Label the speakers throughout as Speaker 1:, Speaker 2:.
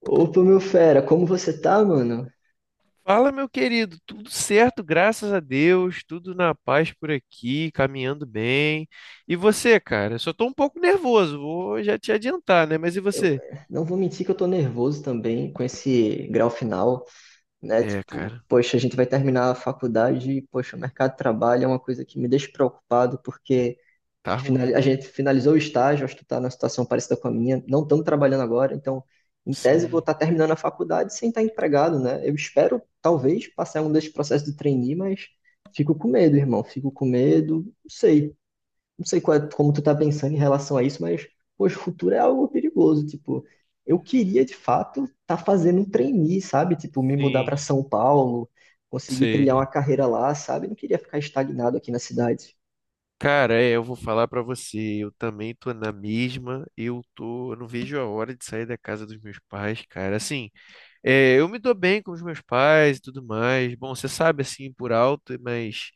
Speaker 1: Opa, meu fera, como você tá, mano?
Speaker 2: Fala, meu querido, tudo certo, graças a Deus, tudo na paz por aqui, caminhando bem. E você, cara? Só tô um pouco nervoso, vou já te adiantar, né? Mas e
Speaker 1: Eu
Speaker 2: você?
Speaker 1: eh, não vou mentir que eu tô nervoso também com esse grau final, né?
Speaker 2: É,
Speaker 1: Tipo,
Speaker 2: cara,
Speaker 1: poxa, a gente vai terminar a faculdade e, poxa, o mercado de trabalho é uma coisa que me deixa preocupado, porque
Speaker 2: tá ruim,
Speaker 1: a
Speaker 2: né?
Speaker 1: gente finalizou o estágio, acho que tu tá numa situação parecida com a minha, não estamos trabalhando agora, então, em tese, eu vou
Speaker 2: Sim,
Speaker 1: estar terminando a faculdade sem estar empregado, né? Eu espero, talvez, passar um desses processos de trainee, mas fico com medo, irmão, fico com medo, não sei. Não sei como tu tá pensando em relação a isso, mas, poxa, o futuro é algo perigoso, tipo, eu queria, de fato, estar tá fazendo um trainee, sabe? Tipo, me mudar para
Speaker 2: sim,
Speaker 1: São Paulo, conseguir trilhar
Speaker 2: sei.
Speaker 1: uma carreira lá, sabe? Não queria ficar estagnado aqui na cidade.
Speaker 2: Cara, eu vou falar pra você, eu também tô na mesma, eu não vejo a hora de sair da casa dos meus pais, cara. Assim, eu me dou bem com os meus pais e tudo mais. Bom, você sabe assim por alto, mas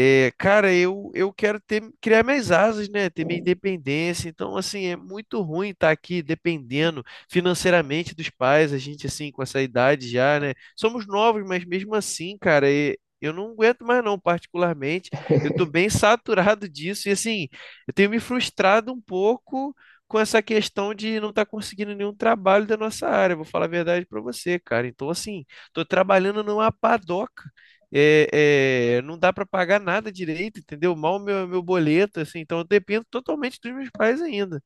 Speaker 2: eu quero ter, criar minhas asas, né? Ter minha independência. Então, assim, é muito ruim estar aqui dependendo financeiramente dos pais, a gente, assim, com essa idade já, né? Somos novos, mas mesmo assim, cara, eu não aguento mais, não, particularmente. Eu tô bem saturado disso e, assim, eu tenho me frustrado um pouco com essa questão de não estar conseguindo nenhum trabalho da nossa área. Vou falar a verdade pra você, cara. Então, assim, tô trabalhando numa padoca. Não dá para pagar nada direito, entendeu? Mal meu, meu boleto, assim, então eu dependo totalmente dos meus pais ainda.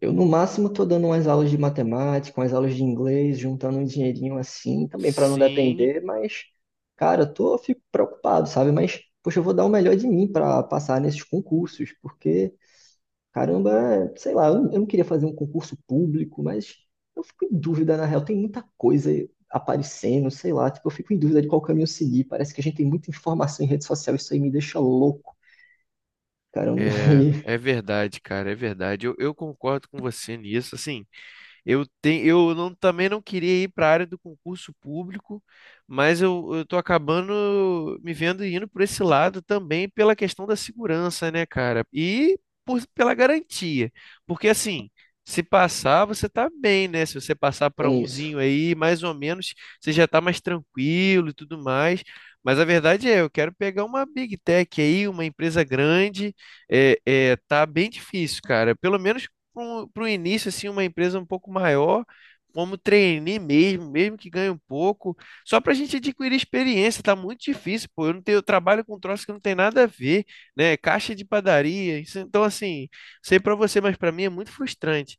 Speaker 1: Eu, no máximo, tô dando umas aulas de matemática, umas aulas de inglês, juntando um dinheirinho assim, também para não
Speaker 2: Sim,
Speaker 1: depender, mas, cara, eu fico preocupado, sabe? Mas, poxa, eu vou dar o melhor de mim para passar nesses concursos, porque caramba, é, sei lá, eu não queria fazer um concurso público, mas eu fico em dúvida, na real, tem muita coisa aparecendo, sei lá, tipo, eu fico em dúvida de qual caminho seguir. Parece que a gente tem muita informação em rede social, isso aí me deixa louco, cara. Eu não-
Speaker 2: é,
Speaker 1: E
Speaker 2: é verdade, cara, é verdade. Eu concordo com você nisso, assim. Eu, te, eu não, também não queria ir para a área do concurso público, mas eu tô acabando me vendo indo por esse lado também pela questão da segurança, né, cara? E pela garantia. Porque assim, se passar, você tá bem, né? Se você passar para
Speaker 1: tem isso.
Speaker 2: umzinho aí, mais ou menos, você já tá mais tranquilo e tudo mais. Mas a verdade é, eu quero pegar uma Big Tech aí, uma empresa grande. Tá bem difícil, cara. Pelo menos para o início, assim, uma empresa um pouco maior, como trainee mesmo, mesmo que ganhe um pouco, só para a gente adquirir experiência, tá muito difícil, pô. Eu não tenho, eu trabalho com troço que não tem nada a ver, né? Caixa de padaria, então assim, sei para você, mas para mim é muito frustrante.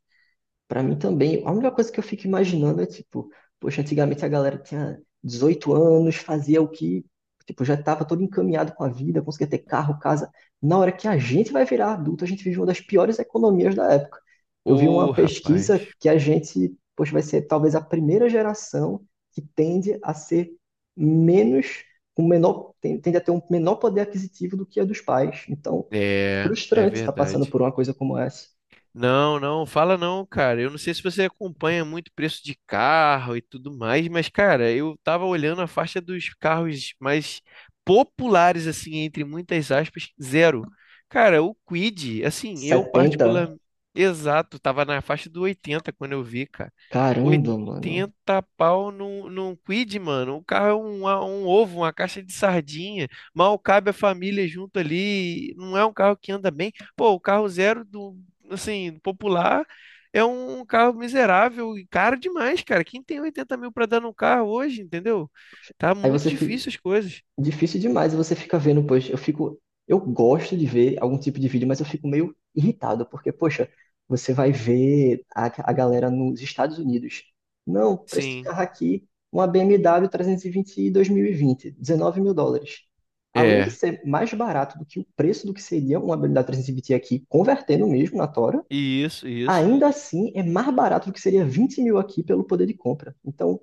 Speaker 1: Pra mim também, a única coisa que eu fico imaginando é tipo, poxa, antigamente a galera tinha 18 anos, fazia o que, tipo, já estava todo encaminhado com a vida, conseguia ter carro, casa. Na hora que a gente vai virar adulto, a gente vive uma das piores economias da época. Eu vi
Speaker 2: Ô,
Speaker 1: uma pesquisa
Speaker 2: rapaz,
Speaker 1: que a gente, poxa, vai ser talvez a primeira geração que menos, tende a ter um menor poder aquisitivo do que a dos pais. Então, é
Speaker 2: é, é
Speaker 1: frustrante estar passando
Speaker 2: verdade.
Speaker 1: por uma coisa como essa.
Speaker 2: Não, não, fala não, cara. Eu não sei se você acompanha muito preço de carro e tudo mais, mas, cara, eu tava olhando a faixa dos carros mais populares, assim, entre muitas aspas, zero. Cara, o Kwid, assim, eu
Speaker 1: 70.
Speaker 2: particular, exato, tava na faixa do 80 quando eu vi, cara.
Speaker 1: Caramba, mano.
Speaker 2: 80 pau num Kwid, mano. O carro é um ovo, uma caixa de sardinha. Mal cabe a família junto ali. Não é um carro que anda bem. Pô, o carro zero do assim, popular, é um carro miserável e caro demais, cara. Quem tem 80 mil para dar num carro hoje, entendeu? Tá
Speaker 1: Aí
Speaker 2: muito
Speaker 1: você fica.
Speaker 2: difícil as coisas.
Speaker 1: Difícil demais, você fica vendo, poxa, eu fico. Eu gosto de ver algum tipo de vídeo, mas eu fico meio irritado, porque, poxa, você vai ver a galera nos Estados Unidos. Não, preço de
Speaker 2: Sim,
Speaker 1: carro aqui, uma BMW 320 2020, 19 mil e vinte, US$ 19 mil. Além de
Speaker 2: é.
Speaker 1: ser mais barato do que o preço do que seria uma BMW 320 aqui, convertendo mesmo na Tora,
Speaker 2: Isso, isso.
Speaker 1: ainda assim é mais barato do que seria 20 mil aqui pelo poder de compra. Então,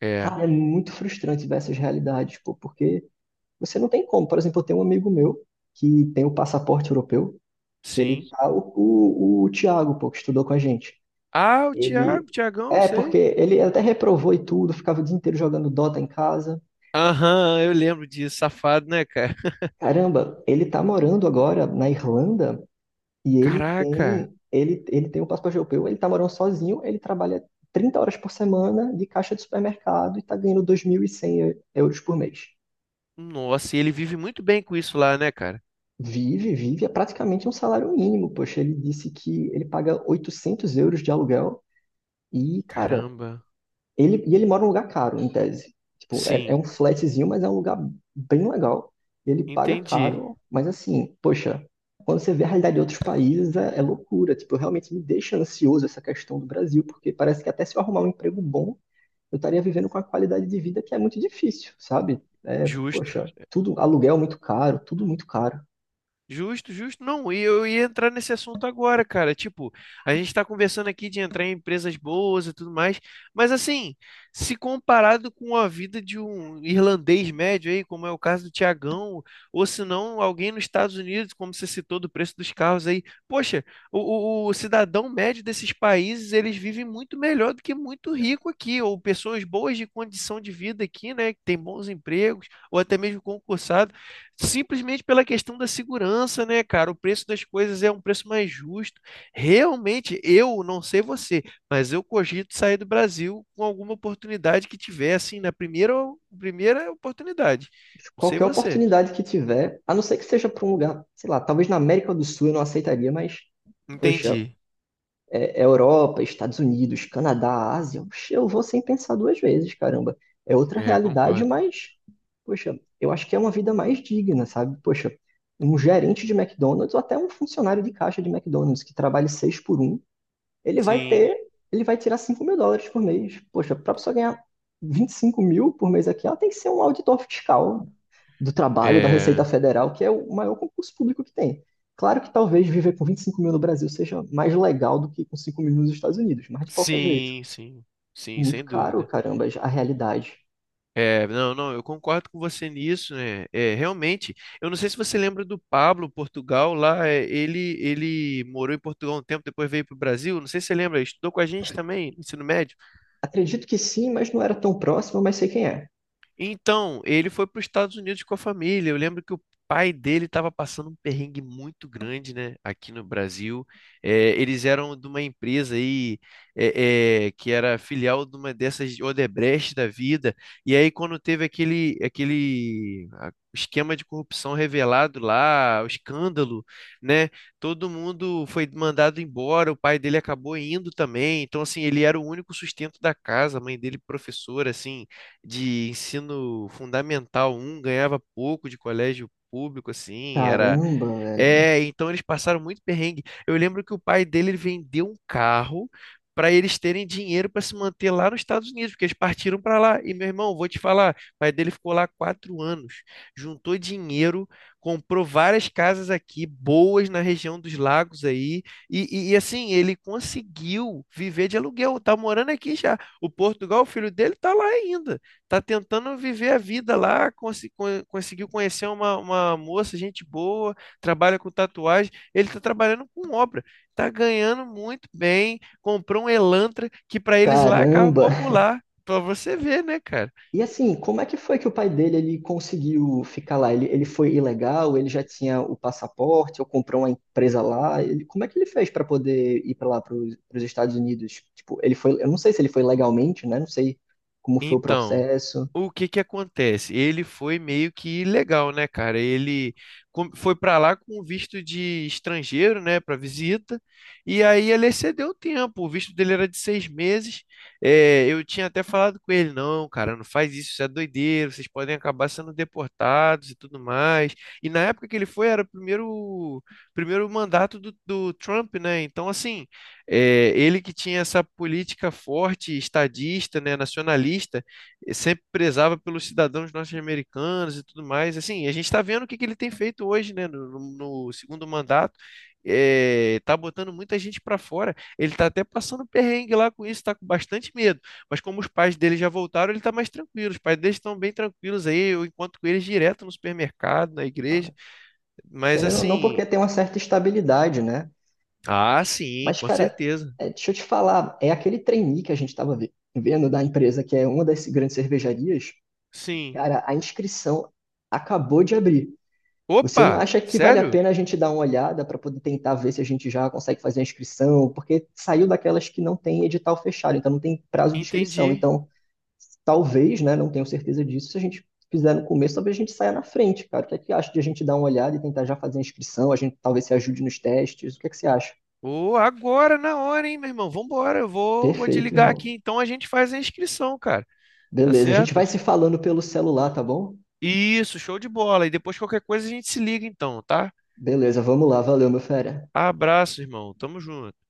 Speaker 2: É,
Speaker 1: cara, é muito frustrante ver essas realidades, pô, porque você não tem como. Por exemplo, eu tenho um amigo meu que tem o passaporte europeu, que ele
Speaker 2: sim.
Speaker 1: tá, o Thiago, pô, que estudou com a gente.
Speaker 2: Ah, o
Speaker 1: Ele.
Speaker 2: Thiago, Thiagão,
Speaker 1: É, porque
Speaker 2: sei.
Speaker 1: ele até reprovou e tudo, ficava o dia inteiro jogando Dota em casa.
Speaker 2: Aham, eu lembro disso, safado, né, cara?
Speaker 1: Caramba, ele tá morando agora na Irlanda e ele
Speaker 2: Caraca,
Speaker 1: tem. Ele, ele tem o passaporte europeu, ele tá morando sozinho, ele trabalha 30 horas por semana de caixa de supermercado e tá ganhando € 2.100 por mês.
Speaker 2: nossa, e ele vive muito bem com isso lá, né, cara?
Speaker 1: Vive, vive, é praticamente um salário mínimo, poxa, ele disse que ele paga € 800 de aluguel e, cara,
Speaker 2: Caramba,
Speaker 1: ele mora num lugar caro, em tese. Tipo, é
Speaker 2: sim,
Speaker 1: um flatzinho, mas é um lugar bem legal. Ele paga
Speaker 2: entendi,
Speaker 1: caro, mas assim, poxa, quando você vê a realidade de outros países, é loucura. Tipo, realmente me deixa ansioso essa questão do Brasil, porque parece que até se eu arrumar um emprego bom, eu estaria vivendo com a qualidade de vida que é muito difícil, sabe? É,
Speaker 2: justo.
Speaker 1: poxa, tudo, aluguel muito caro, tudo muito caro.
Speaker 2: Justo, justo. Não, e eu ia entrar nesse assunto agora, cara. Tipo, a gente está conversando aqui de entrar em empresas boas e tudo mais, mas assim, se comparado com a vida de um irlandês médio aí, como é o caso do Tiagão, ou se não, alguém nos Estados Unidos, como você citou do preço dos carros aí, poxa, o cidadão médio desses países, eles vivem muito melhor do que muito rico aqui, ou pessoas boas de condição de vida aqui, né, que tem bons empregos, ou até mesmo concursados. Simplesmente pela questão da segurança, né, cara? O preço das coisas é um preço mais justo. Realmente, eu não sei você, mas eu cogito sair do Brasil com alguma oportunidade que tiver, assim, na primeira oportunidade. Não sei
Speaker 1: Qualquer
Speaker 2: você.
Speaker 1: oportunidade que tiver, a não ser que seja para um lugar, sei lá, talvez na América do Sul eu não aceitaria, mas, poxa,
Speaker 2: Entendi.
Speaker 1: é Europa, Estados Unidos, Canadá, Ásia, oxe, eu vou sem pensar duas vezes, caramba. É outra
Speaker 2: É,
Speaker 1: realidade,
Speaker 2: concordo.
Speaker 1: mas, poxa, eu acho que é uma vida mais digna, sabe? Poxa, um gerente de McDonald's ou até um funcionário de caixa de McDonald's que trabalhe seis por um, ele vai
Speaker 2: Sim,
Speaker 1: ter, ele vai tirar US$ 5 mil por mês. Poxa, para a pessoa ganhar 25 mil por mês aqui, ela tem que ser um auditor fiscal do trabalho da Receita
Speaker 2: é,
Speaker 1: Federal, que é o maior concurso público que tem. Claro que talvez viver com 25 mil no Brasil seja mais legal do que com 5 mil nos Estados Unidos, mas de qualquer jeito,
Speaker 2: sim, sim, sim,
Speaker 1: muito
Speaker 2: sem
Speaker 1: caro,
Speaker 2: dúvida.
Speaker 1: caramba, a realidade.
Speaker 2: É, não, não, eu concordo com você nisso, né? É, realmente, eu não sei se você lembra do Pablo, Portugal, lá, é, ele morou em Portugal um tempo, depois veio para o Brasil, não sei se você lembra, ele estudou com a gente também, no ensino médio.
Speaker 1: Acredito que sim, mas não era tão próximo, mas sei quem é.
Speaker 2: Então, ele foi para os Estados Unidos com a família. Eu lembro que o pai dele estava passando um perrengue muito grande, né, aqui no Brasil. É, eles eram de uma empresa aí que era filial de uma dessas Odebrecht da vida. E aí, quando teve esquema de corrupção revelado lá, o escândalo, né, todo mundo foi mandado embora. O pai dele acabou indo também. Então, assim, ele era o único sustento da casa. A mãe dele, professora, assim de ensino fundamental um ganhava pouco de colégio público, assim, era
Speaker 1: Caramba, velho.
Speaker 2: é, então eles passaram muito perrengue. Eu lembro que o pai dele ele vendeu um carro para eles terem dinheiro para se manter lá nos Estados Unidos, porque eles partiram para lá. E meu irmão, vou te falar, o pai dele ficou lá 4 anos, juntou dinheiro, comprou várias casas aqui boas na região dos lagos aí, assim ele conseguiu viver de aluguel. Tá morando aqui já. O Portugal, o filho dele, tá lá ainda tá tentando viver a vida lá, conseguiu conhecer uma moça, gente boa, trabalha com tatuagem, ele está trabalhando com obra, está ganhando muito bem, comprou um Elantra que para eles lá é carro
Speaker 1: Caramba.
Speaker 2: popular, para você ver, né, cara?
Speaker 1: E assim, como é que foi que o pai dele ele conseguiu ficar lá? Ele foi ilegal? Ele já tinha o passaporte? Ou comprou uma empresa lá? Como é que ele fez para poder ir para lá, para os Estados Unidos? Tipo, ele foi, eu não sei se ele foi legalmente, né? Não sei como foi o
Speaker 2: Então,
Speaker 1: processo.
Speaker 2: o que que acontece? Ele foi meio que ilegal, né, cara? Ele foi para lá com visto de estrangeiro, né, para visita, e aí ele excedeu o tempo. O visto dele era de 6 meses. É, eu tinha até falado com ele, não, cara, não faz isso, isso é doideira, vocês podem acabar sendo deportados e tudo mais. E na época que ele foi, era o primeiro mandato do Trump, né? Então, assim. É, ele que tinha essa política forte, estadista, né, nacionalista, sempre prezava pelos cidadãos norte-americanos e tudo mais. Assim, a gente está vendo que ele tem feito hoje, né, no segundo mandato. Tá botando muita gente para fora. Ele tá até passando perrengue lá com isso, tá com bastante medo. Mas como os pais dele já voltaram, ele tá mais tranquilo. Os pais dele estão bem tranquilos aí. Eu encontro com eles direto no supermercado, na
Speaker 1: Ah,
Speaker 2: igreja. Mas
Speaker 1: querendo ou não,
Speaker 2: assim,
Speaker 1: porque tem uma certa estabilidade, né?
Speaker 2: ah, sim,
Speaker 1: Mas,
Speaker 2: com
Speaker 1: cara,
Speaker 2: certeza.
Speaker 1: é, deixa eu te falar, é aquele trainee que a gente estava vendo da empresa, que é uma das grandes cervejarias.
Speaker 2: Sim.
Speaker 1: Cara, a inscrição acabou de abrir. Você não
Speaker 2: Opa,
Speaker 1: acha que vale a
Speaker 2: sério?
Speaker 1: pena a gente dar uma olhada para poder tentar ver se a gente já consegue fazer a inscrição? Porque saiu daquelas que não tem edital fechado, então não tem prazo de inscrição.
Speaker 2: Entendi.
Speaker 1: Então, talvez, né, não tenho certeza disso, se a gente fizer no começo, talvez a gente saia na frente, cara. O que é que acha de a gente dar uma olhada e tentar já fazer a inscrição? A gente talvez se ajude nos testes. O que é que você acha?
Speaker 2: Ô, agora na hora, hein, meu irmão? Vambora, vou
Speaker 1: Perfeito,
Speaker 2: desligar aqui.
Speaker 1: irmão.
Speaker 2: Então a gente faz a inscrição, cara. Tá
Speaker 1: Beleza, a gente
Speaker 2: certo?
Speaker 1: vai se falando pelo celular, tá bom?
Speaker 2: Isso, show de bola. E depois qualquer coisa a gente se liga, então, tá?
Speaker 1: Beleza, vamos lá. Valeu, meu fera.
Speaker 2: Abraço, irmão. Tamo junto.